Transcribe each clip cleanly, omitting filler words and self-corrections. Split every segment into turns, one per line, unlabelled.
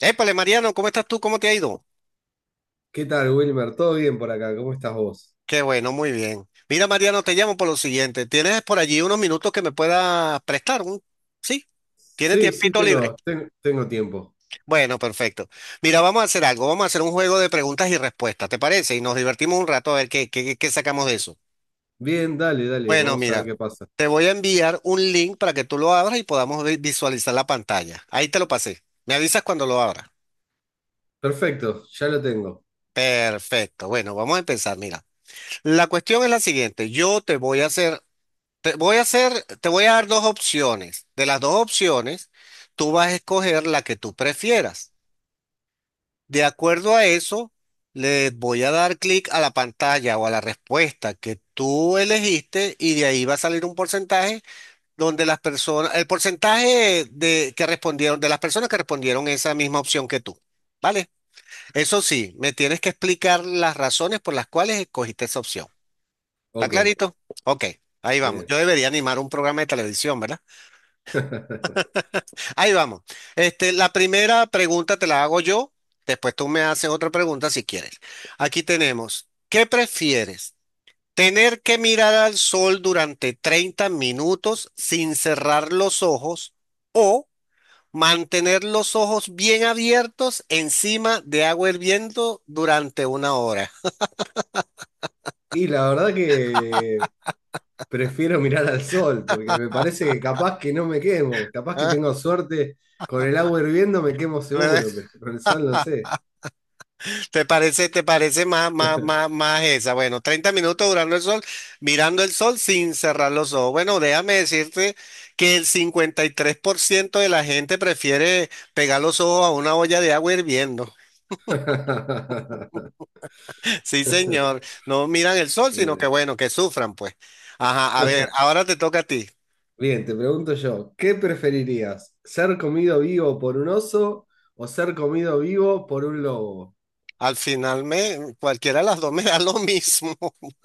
Épale, Mariano, ¿cómo estás tú? ¿Cómo te ha ido?
¿Qué tal, Wilmer? ¿Todo bien por acá? ¿Cómo estás vos?
Qué bueno, muy bien. Mira, Mariano, te llamo por lo siguiente. ¿Tienes por allí unos minutos que me puedas prestar? ¿Sí? ¿Tienes
Sí, sí,
tiempito libre?
tengo tiempo.
Bueno, perfecto. Mira, vamos a hacer algo. Vamos a hacer un juego de preguntas y respuestas, ¿te parece? Y nos divertimos un rato a ver qué sacamos de eso.
Bien, dale, dale,
Bueno,
vamos a ver
mira,
qué pasa.
te voy a enviar un link para que tú lo abras y podamos visualizar la pantalla. Ahí te lo pasé. Me avisas cuando lo abras.
Perfecto, ya lo tengo.
Perfecto. Bueno, vamos a empezar. Mira, la cuestión es la siguiente. Yo te voy a hacer Te voy a hacer, te voy a dar dos opciones. De las dos opciones, tú vas a escoger la que tú prefieras. De acuerdo a eso, le voy a dar clic a la pantalla o a la respuesta que tú elegiste y de ahí va a salir un porcentaje donde las personas, el porcentaje de que respondieron, de las personas que respondieron esa misma opción que tú. ¿Vale? Eso sí, me tienes que explicar las razones por las cuales escogiste esa opción. ¿Está
Ok,
clarito? Ok, ahí vamos.
bien.
Yo debería animar un programa de televisión, ¿verdad? Ahí vamos. Este, la primera pregunta te la hago yo, después tú me haces otra pregunta si quieres. Aquí tenemos, ¿qué prefieres? ¿Tener que mirar al sol durante 30 minutos sin cerrar los ojos o mantener los ojos bien abiertos encima de agua hirviendo durante una hora?
Y la verdad que prefiero mirar al sol, porque me parece que capaz que no me quemo, capaz que
Ah,
tengo suerte, con el agua hirviendo me quemo seguro, pero con el sol no sé.
Te parece más esa? Bueno, 30 minutos durando el sol, mirando el sol sin cerrar los ojos. Bueno, déjame decirte que el 53% de la gente prefiere pegar los ojos a una olla de agua hirviendo. Sí, señor. No miran el sol, sino que
Bien.
bueno, que sufran, pues. Ajá, a ver, ahora te toca a ti.
Bien, te pregunto yo, ¿qué preferirías? ¿Ser comido vivo por un oso o ser comido vivo por un lobo?
Al final cualquiera de las dos me da lo mismo.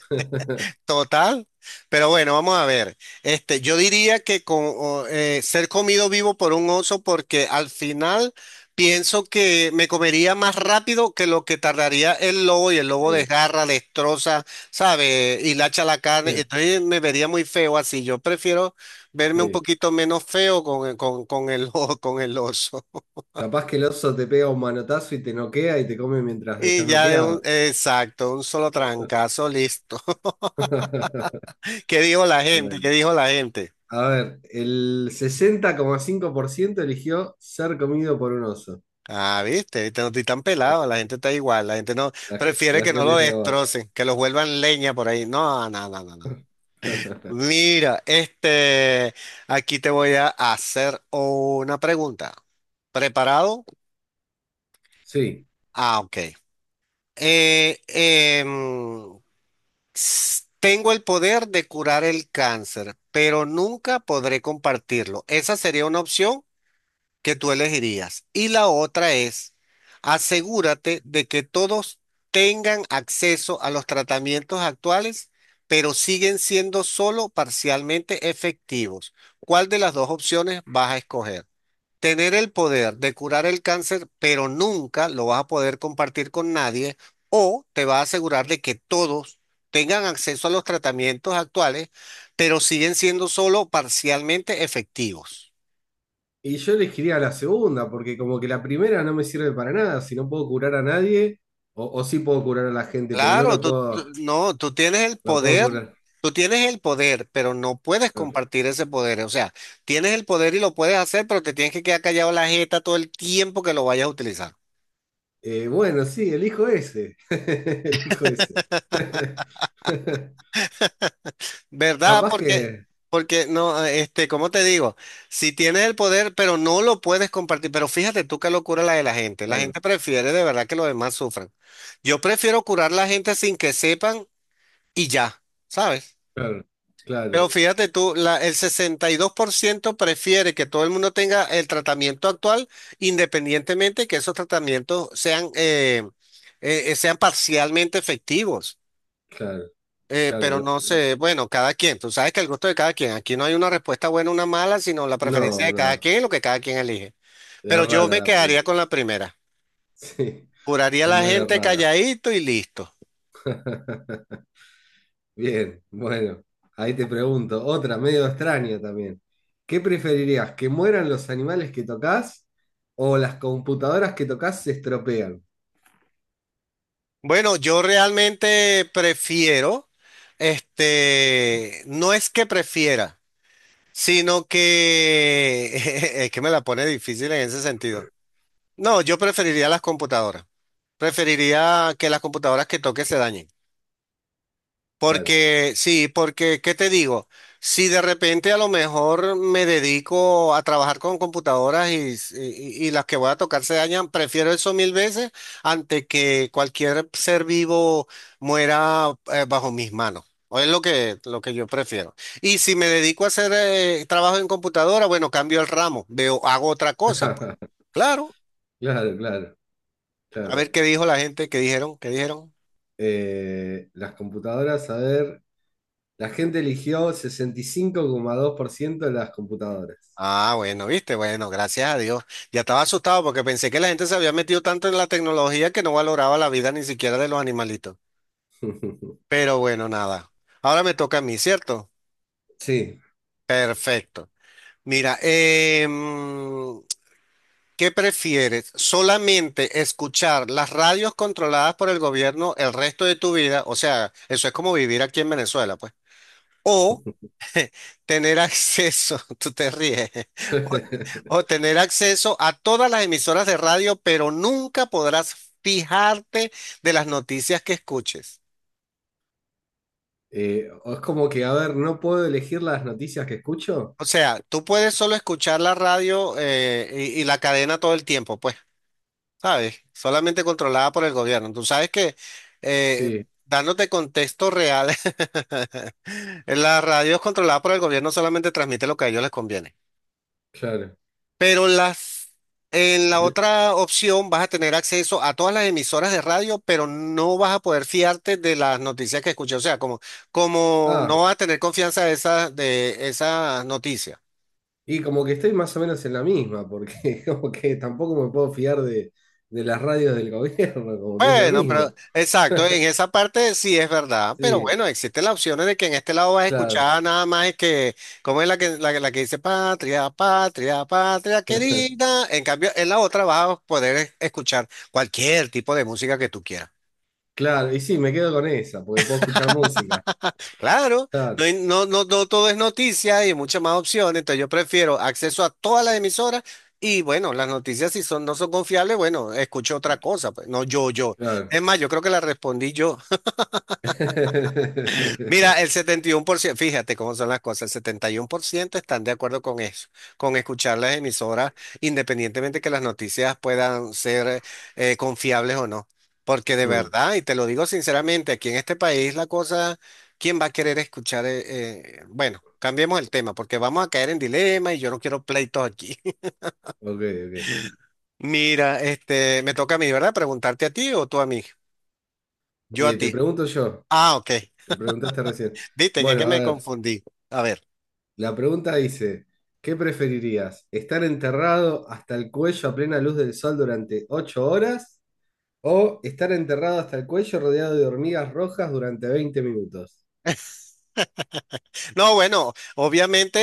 Total. Pero bueno, vamos a ver. Este, yo diría que con, o, ser comido vivo por un oso porque al final pienso que me comería más rápido que lo que tardaría el lobo y el lobo
Sí,
desgarra, destroza, ¿sabe? Hilacha la carne.
sí,
Entonces me vería muy feo así. Yo prefiero verme un
sí.
poquito menos feo con el, con el oso.
Capaz que el oso te pega un manotazo y te noquea y te come mientras
Y
estás
ya
noqueado.
exacto, un solo trancazo, listo. ¿Qué dijo la gente? ¿Qué
Bueno,
dijo la gente?
a ver, el 60,5% eligió ser comido por un oso.
Ah, viste, viste, no estoy tan pelado, la gente está igual, la gente no
La, ge-
prefiere
la
que no
gente
lo
está de abajo.
destrocen, que los vuelvan leña por ahí. No, no, no, no, no. Mira, este, aquí te voy a hacer una pregunta. ¿Preparado?
Sí.
Ah, ok. Eh, em, Tengo el poder de curar el cáncer, pero nunca podré compartirlo. ¿Esa sería una opción que tú elegirías? Y la otra es, asegúrate de que todos tengan acceso a los tratamientos actuales, pero siguen siendo solo parcialmente efectivos. ¿Cuál de las dos opciones vas a escoger? Tener el poder de curar el cáncer, pero nunca lo vas a poder compartir con nadie, o te vas a asegurar de que todos tengan acceso a los tratamientos actuales, pero siguen siendo solo parcialmente efectivos.
Y yo elegiría la segunda, porque como que la primera no me sirve para nada. Si no puedo curar a nadie, o sí puedo curar a la gente, pero no
Claro,
lo puedo,
no, tú tienes el
la puedo
poder,
curar.
tú tienes el poder, pero no puedes compartir ese poder. O sea, tienes el poder y lo puedes hacer, pero te tienes que quedar callado la jeta todo el tiempo que lo vayas a utilizar.
Bueno, sí, elijo ese. Elijo ese.
¿Verdad?
Capaz
Porque,
que.
porque no, este, ¿cómo te digo? Si tienes el poder, pero no lo puedes compartir. Pero fíjate tú qué locura la de la gente. La
Claro,
gente prefiere de verdad que los demás sufran. Yo prefiero curar a la gente sin que sepan y ya, ¿sabes?
claro,
Pero
claro,
fíjate tú, el 62% prefiere que todo el mundo tenga el tratamiento actual, independientemente que esos tratamientos sean, sean parcialmente efectivos.
claro, claro.
Pero
lo-
no
lo-
sé, bueno, cada quien, tú sabes que el gusto de cada quien, aquí no hay una respuesta buena o una mala, sino la
no,
preferencia de cada
no.
quien, y lo que cada quien elige.
Es
Pero
rara
yo me
la pregunta.
quedaría con la primera.
Sí,
Curaría a
es
la
medio
gente
rara.
calladito y listo.
Bien, bueno, ahí te pregunto, otra medio extraña también. ¿Qué preferirías, que mueran los animales que tocas o las computadoras que tocas se estropean?
Bueno, yo realmente prefiero, este, no es que prefiera, sino que es que me la pone difícil en ese sentido. No, yo preferiría las computadoras. Preferiría que las computadoras que toque se dañen.
Claro,
Porque, sí, porque, ¿qué te digo? Si de repente a lo mejor me dedico a trabajar con computadoras y, y las que voy a tocar se dañan, prefiero eso mil veces antes que cualquier ser vivo muera bajo mis manos. O es lo que yo prefiero. Y si me dedico a hacer trabajo en computadora, bueno, cambio el ramo, veo, hago otra cosa, pues. Claro,
claro, claro,
a
claro.
ver qué dijo la gente, qué dijeron, qué dijeron.
Las computadoras, a ver, la gente eligió 65,2% de las computadoras.
Ah, bueno, viste, bueno, gracias a Dios. Ya estaba asustado porque pensé que la gente se había metido tanto en la tecnología que no valoraba la vida ni siquiera de los animalitos. Pero bueno, nada. Ahora me toca a mí, ¿cierto?
Sí,
Perfecto. Mira, em, ¿qué prefieres? ¿Solamente escuchar las radios controladas por el gobierno el resto de tu vida? O sea, eso es como vivir aquí en Venezuela, pues. O tener acceso, tú te ríes, o, o tener acceso a todas las emisoras de radio, pero nunca podrás fijarte de las noticias que escuches.
O es como que, a ver, no puedo elegir las noticias que escucho.
O sea, tú puedes solo escuchar la radio y la cadena todo el tiempo, pues, ¿sabes? Solamente controlada por el gobierno. Tú sabes que, eh,
Sí,
dándote contexto real, la radio es controlada por el gobierno, solamente transmite lo que a ellos les conviene.
claro.
Pero las, en la
Y-
otra opción vas a tener acceso a todas las emisoras de radio, pero no vas a poder fiarte de las noticias que escuché. O sea, como, como
Ah,
no vas a tener confianza de de esas noticias.
y como que estoy más o menos en la misma, porque como que tampoco me puedo fiar de las radios del gobierno, como que es lo
Bueno, pero
mismo.
exacto, en esa parte sí es verdad, pero
Sí,
bueno, existen las opciones de que en este lado vas a
claro,
escuchar nada más es que, ¿cómo es la que, que la que dice patria, patria, patria querida? En cambio, en la otra vas a poder escuchar cualquier tipo de música que tú quieras.
claro. Y sí, me quedo con esa, porque puedo escuchar música.
Claro,
Claro,
no, no, no, no todo es noticia y hay muchas más opciones, entonces yo prefiero acceso a todas las emisoras y bueno, las noticias si son, no son confiables, bueno, escucho otra cosa, pues, no yo, yo.
claro.
Es más, yo creo que la respondí yo. Mira, el 71%, fíjate cómo son las cosas, el 71% están de acuerdo con eso, con escuchar las emisoras, independientemente que las noticias puedan ser confiables o no. Porque de
Mm,
verdad, y te lo digo sinceramente, aquí en este país la cosa, ¿quién va a querer escuchar? Bueno, cambiemos el tema, porque vamos a caer en dilema y yo no quiero pleitos aquí.
ok, ok.
Mira, este, me toca a mí, ¿verdad? Preguntarte a ti o tú a mí. Yo a
Eh,
ti.
te pregunto yo,
Ah, ok.
me preguntaste recién.
Viste
Bueno,
que
a
me
ver,
confundí. A ver.
la pregunta dice, ¿qué preferirías? ¿Estar enterrado hasta el cuello a plena luz del sol durante 8 horas? O estar enterrado hasta el cuello rodeado de hormigas rojas durante 20 minutos.
No, bueno, obviamente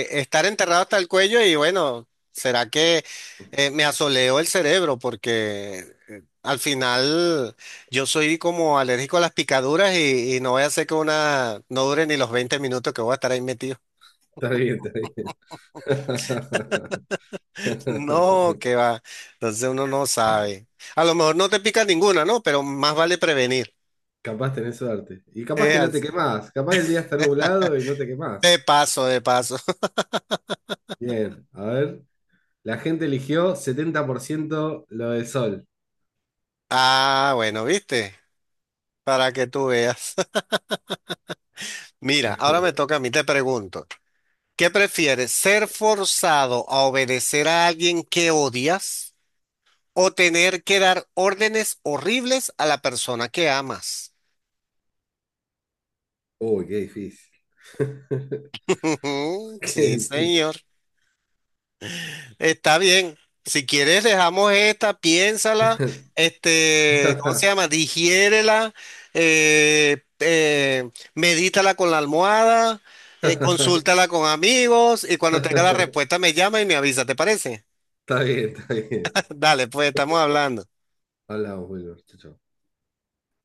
estar enterrado hasta el cuello y bueno, será que me asoleó el cerebro porque al final yo soy como alérgico a las picaduras y no voy a hacer que una no dure ni los 20 minutos que voy a estar ahí metido.
Está bien, está bien.
No, que va. Entonces uno no sabe. A lo mejor no te pica ninguna, ¿no? Pero más vale prevenir.
Capaz tenés suerte. Y capaz
Es
que no te
así.
quemás. Capaz el día está nublado y no te
De
quemás.
paso, de paso.
Bien, a ver. La gente eligió 70% lo del sol.
Ah, bueno, viste, para que tú veas. Mira, ahora me toca a mí, te pregunto. ¿Qué prefieres? ¿Ser forzado a obedecer a alguien que odias o tener que dar órdenes horribles a la persona que amas?
Uy, qué difícil. Qué
Sí,
difícil.
señor. Está bien. Si quieres, dejamos esta, piénsala, este, ¿cómo se llama? Digiérela, medítala con la almohada,
Está
consúltala con amigos y cuando tenga la respuesta me llama y me avisa, ¿te parece?
bien, está bien.
Dale, pues estamos hablando.
Hablamos, Wilmer. Chau, chau.